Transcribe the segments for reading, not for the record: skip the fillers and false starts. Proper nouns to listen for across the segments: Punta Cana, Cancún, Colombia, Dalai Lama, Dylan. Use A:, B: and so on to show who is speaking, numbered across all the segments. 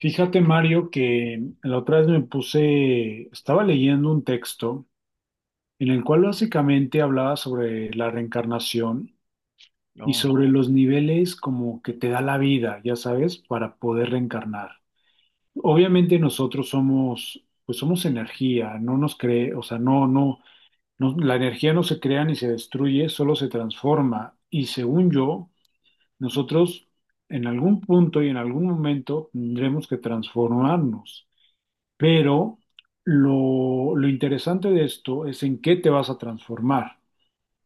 A: Fíjate, Mario, que la otra vez me puse, estaba leyendo un texto en el cual básicamente hablaba sobre la reencarnación y
B: No.
A: sobre los niveles como que te da la vida, ya sabes, para poder reencarnar. Obviamente nosotros somos, pues somos energía, no nos cree, o sea, no, no, no, la energía no se crea ni se destruye, solo se transforma. Y según yo, nosotros en algún punto y en algún momento tendremos que transformarnos. Pero lo interesante de esto es en qué te vas a transformar.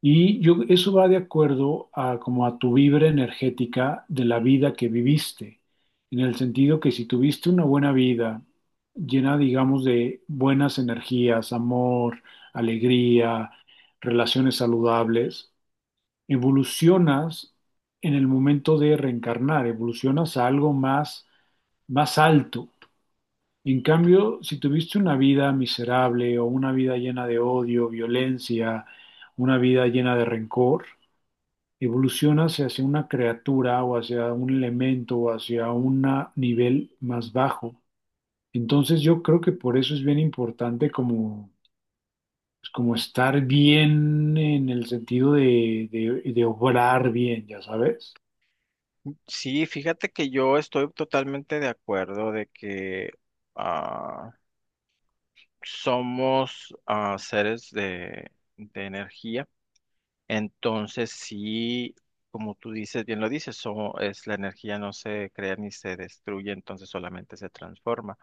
A: Y yo, eso va de acuerdo a como a tu vibra energética de la vida que viviste, en el sentido que si tuviste una buena vida llena, digamos, de buenas energías, amor, alegría, relaciones saludables, evolucionas en el momento de reencarnar, evolucionas a algo más, más alto. En cambio, si tuviste una vida miserable o una vida llena de odio, violencia, una vida llena de rencor, evolucionas hacia una criatura o hacia un elemento o hacia un nivel más bajo. Entonces yo creo que por eso es bien importante como, pues, como estar bien en el sentido de, de obrar bien, ya sabes.
B: Sí, fíjate que yo estoy totalmente de acuerdo de que ah, somos seres de energía. Entonces, sí, como tú dices, bien lo dices, so- es la energía no se crea ni se destruye, entonces solamente se transforma.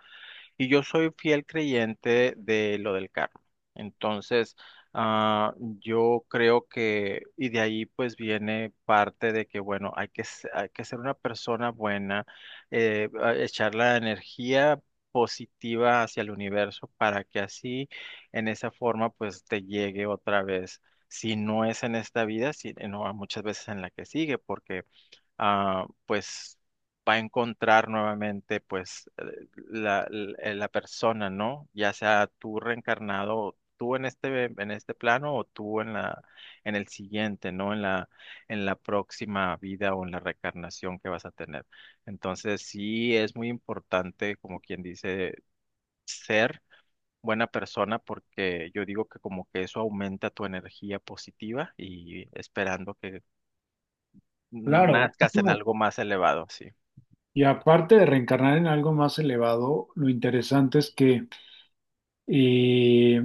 B: Y yo soy fiel creyente de lo del karma. Entonces, yo creo que, y de ahí pues viene parte de que, bueno, hay que ser una persona buena, echar la energía positiva hacia el universo para que así, en esa forma, pues te llegue otra vez. Si no es en esta vida, si, no, muchas veces en la que sigue, porque pues va a encontrar nuevamente pues la persona, ¿no? Ya sea tú reencarnado, tú en este plano o tú en la, en el siguiente, ¿no? En la próxima vida o en la reencarnación que vas a tener. Entonces sí es muy importante, como quien dice, ser buena persona porque yo digo que como que eso aumenta tu energía positiva y esperando que
A: Claro,
B: nazcas en algo más elevado, sí.
A: y aparte de reencarnar en algo más elevado, lo interesante es que Eh,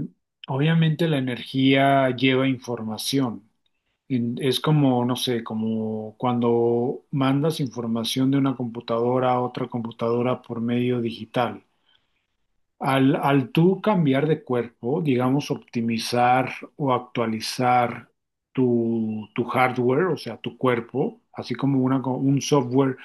A: obviamente la energía lleva información. Es como, no sé, como cuando mandas información de una computadora a otra computadora por medio digital. Al tú cambiar de cuerpo, digamos, optimizar o actualizar tu hardware, o sea, tu cuerpo, así como una, un software,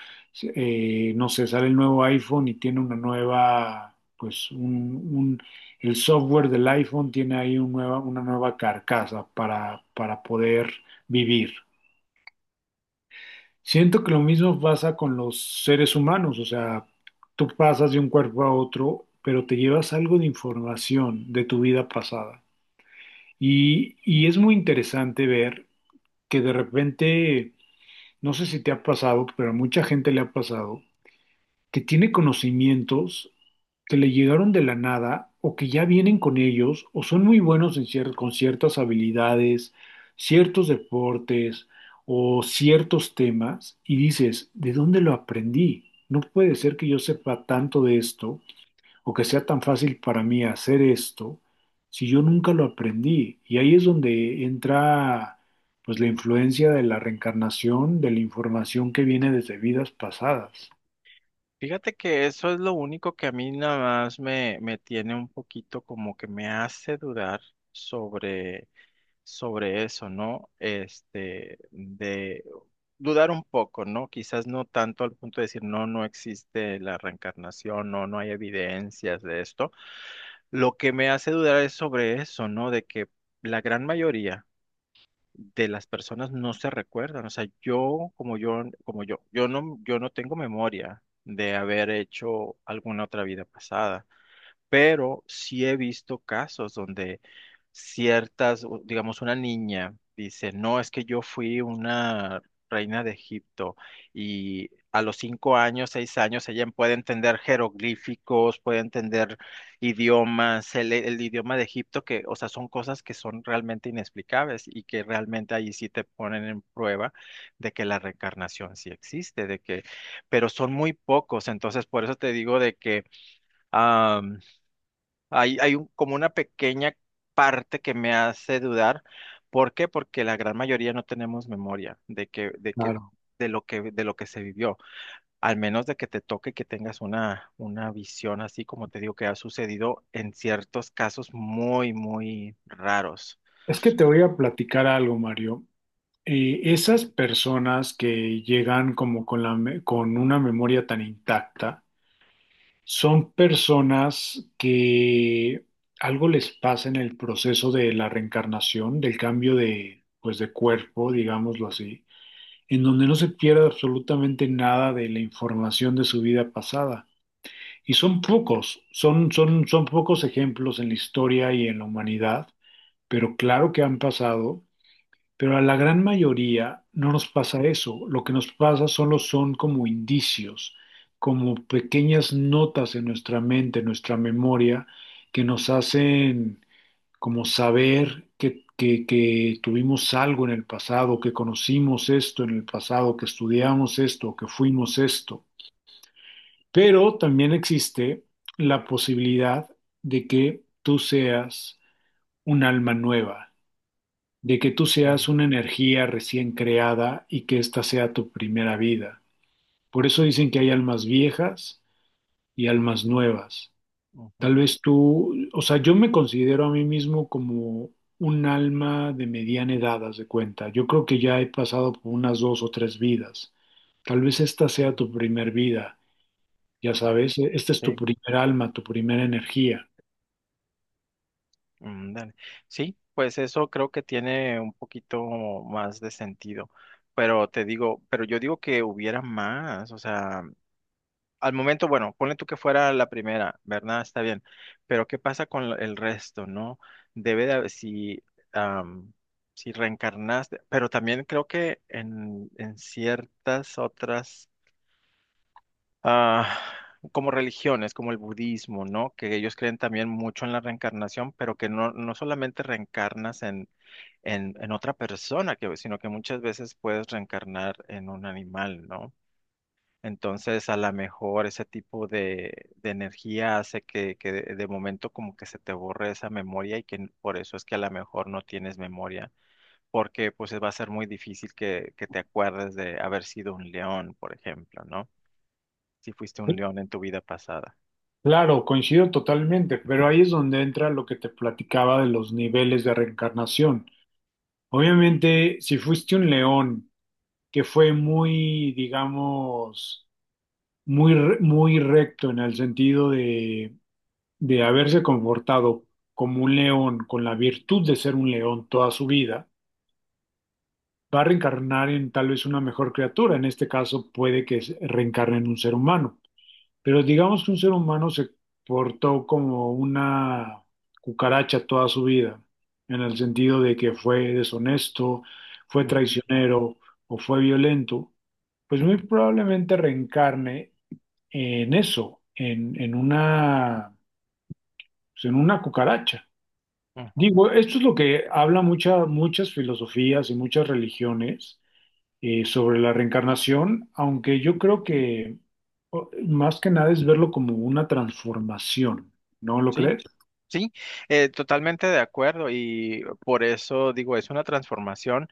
A: no sé, sale el nuevo iPhone y tiene una nueva, pues, el software del iPhone tiene ahí una nueva carcasa para poder vivir. Siento que lo mismo pasa con los seres humanos, o sea, tú pasas de un cuerpo a otro, pero te llevas algo de información de tu vida pasada. Y es muy interesante ver que de repente, no sé si te ha pasado, pero a mucha gente le ha pasado, que tiene conocimientos que le llegaron de la nada o que ya vienen con ellos o son muy buenos en con ciertas habilidades, ciertos deportes o ciertos temas y dices, ¿de dónde lo aprendí? No puede ser que yo sepa tanto de esto o que sea tan fácil para mí hacer esto si yo nunca lo aprendí. Y ahí es donde entra pues la influencia de la reencarnación, de la información que viene desde vidas pasadas.
B: Fíjate que eso es lo único que a mí nada más me tiene un poquito como que me hace dudar sobre, sobre eso, ¿no? Este, de dudar un poco, ¿no? Quizás no tanto al punto de decir, no, no existe la reencarnación, no, no hay evidencias de esto. Lo que me hace dudar es sobre eso, ¿no? De que la gran mayoría de las personas no se recuerdan. O sea, como yo, yo no tengo memoria de haber hecho alguna otra vida pasada pero sí he visto casos donde ciertas, digamos, una niña dice, no, es que yo fui una reina de Egipto y a los 5 años, 6 años, ella puede entender jeroglíficos, puede entender idiomas, el idioma de Egipto, que, o sea, son cosas que son realmente inexplicables y que realmente ahí sí te ponen en prueba de que la reencarnación sí existe, de que, pero son muy pocos, entonces por eso te digo de que... Hay como una pequeña parte que me hace dudar. ¿Por qué? Porque la gran mayoría no tenemos memoria
A: Claro.
B: de lo que se vivió. Al menos de que te toque que tengas una visión así, como te digo, que ha sucedido en ciertos casos muy, muy raros.
A: Es que te voy a platicar algo, Mario. Esas personas que llegan como con la, con una memoria tan intacta, son personas que algo les pasa en el proceso de la reencarnación, del cambio de, pues, de cuerpo, digámoslo así, en donde no se pierde absolutamente nada de la información de su vida pasada. Y son pocos, son pocos ejemplos en la historia y en la humanidad, pero claro que han pasado, pero a la gran mayoría no nos pasa eso. Lo que nos pasa solo son como indicios, como pequeñas notas en nuestra mente, en nuestra memoria, que nos hacen como saber que, que tuvimos algo en el pasado, que conocimos esto en el pasado, que estudiamos esto, que fuimos esto. Pero también existe la posibilidad de que tú seas un alma nueva, de que tú seas
B: Mm,
A: una energía recién creada y que esta sea tu primera vida. Por eso dicen que hay almas viejas y almas nuevas.
B: ujú.
A: Tal vez tú, o sea, yo me considero a mí mismo como un alma de mediana edad, haz de cuenta. Yo creo que ya he pasado por unas dos o tres vidas. Tal vez esta sea tu
B: Mm,
A: primer vida, ya
B: bueno,
A: sabes, esta es tu
B: sí.
A: primer alma, tu primera energía.
B: Mm, dale. Sí, pues eso creo que tiene un poquito más de sentido. Pero te digo, pero yo digo que hubiera más, o sea. Al momento, bueno, ponle tú que fuera la primera, ¿verdad? Está bien. Pero ¿qué pasa con el resto, no? Debe de haber, am, si reencarnaste, pero también creo que en ciertas otras, ah, como religiones, como el budismo, ¿no? Que ellos creen también mucho en la reencarnación, pero que no, no solamente reencarnas en otra persona, sino que muchas veces puedes reencarnar en un animal, ¿no? Entonces, a lo mejor ese tipo de energía hace que de momento como que se te borre esa memoria y por eso es que a lo mejor no tienes memoria, porque pues va a ser muy difícil que te acuerdes de haber sido un león, por ejemplo, ¿no? Si fuiste un león en tu vida pasada.
A: Claro, coincido totalmente, pero ahí es donde entra lo que te platicaba de los niveles de reencarnación. Obviamente, si fuiste un león que fue muy, digamos, muy recto en el sentido de haberse comportado como un león, con la virtud de ser un león toda su vida, va a reencarnar en tal vez una mejor criatura. En este caso, puede que reencarne en un ser humano. Pero digamos que un ser humano se portó como una cucaracha toda su vida, en el sentido de que fue deshonesto, fue
B: Ujú,
A: traicionero o fue violento, pues muy probablemente reencarne en eso, en una, pues, en una cucaracha.
B: ujú.
A: Digo, esto es lo que habla muchas filosofías y muchas religiones sobre la reencarnación, aunque yo creo que más que nada es verlo como una transformación, ¿no lo
B: Sí,
A: crees?
B: sí, totalmente de acuerdo y por eso digo, es una transformación,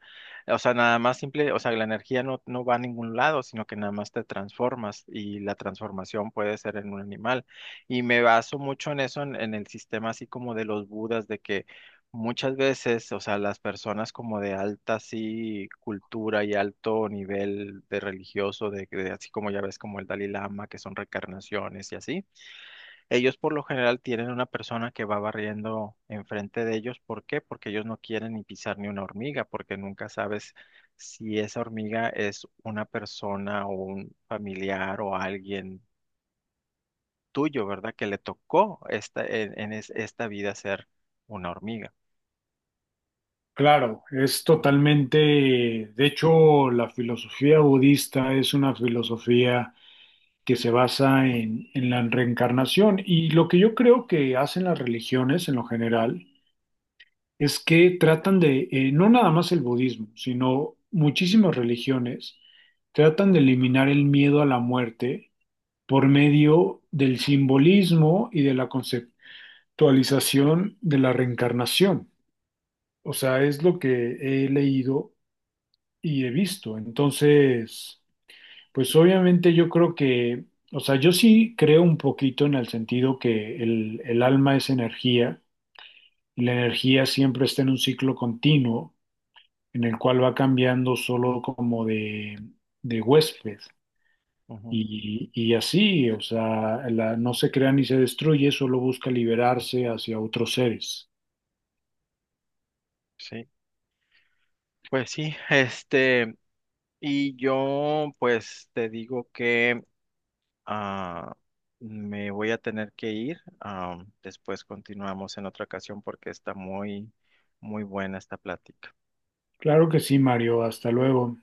B: o sea, nada más simple, o sea, la energía no va a ningún lado, sino que nada más te transformas y la transformación puede ser en un animal. Y me baso mucho en eso, en el sistema así como de los budas, de que muchas veces, o sea, las personas como de alta así cultura y alto nivel de religioso, de así como ya ves como el Dalai Lama, que son reencarnaciones y así. Ellos por lo general tienen una persona que va barriendo enfrente de ellos. ¿Por qué? Porque ellos no quieren ni pisar ni una hormiga, porque nunca sabes si esa hormiga es una persona o un familiar o alguien tuyo, ¿verdad? Que le tocó esta, en es- esta vida ser una hormiga.
A: Claro, es totalmente, de hecho, la filosofía budista es una filosofía que se basa en la reencarnación y lo que yo creo que hacen las religiones en lo general es que tratan de, no nada más el budismo, sino muchísimas religiones tratan de eliminar el miedo a la muerte por medio del simbolismo y de la conceptualización de la reencarnación. O sea, es lo que he leído y he visto. Entonces, pues obviamente yo creo que, o sea, yo sí creo un poquito en el sentido que el alma es energía y la energía siempre está en un ciclo continuo en el cual va cambiando solo como de huésped.
B: Ujú,
A: Y así, o sea, no se crea ni se destruye, solo busca liberarse hacia otros seres.
B: sí, pues sí, este, y yo pues te digo que Ah, me voy a tener que ir. Después continuamos en otra ocasión porque está muy, muy buena esta plática.
A: Claro que sí, Mario, hasta luego.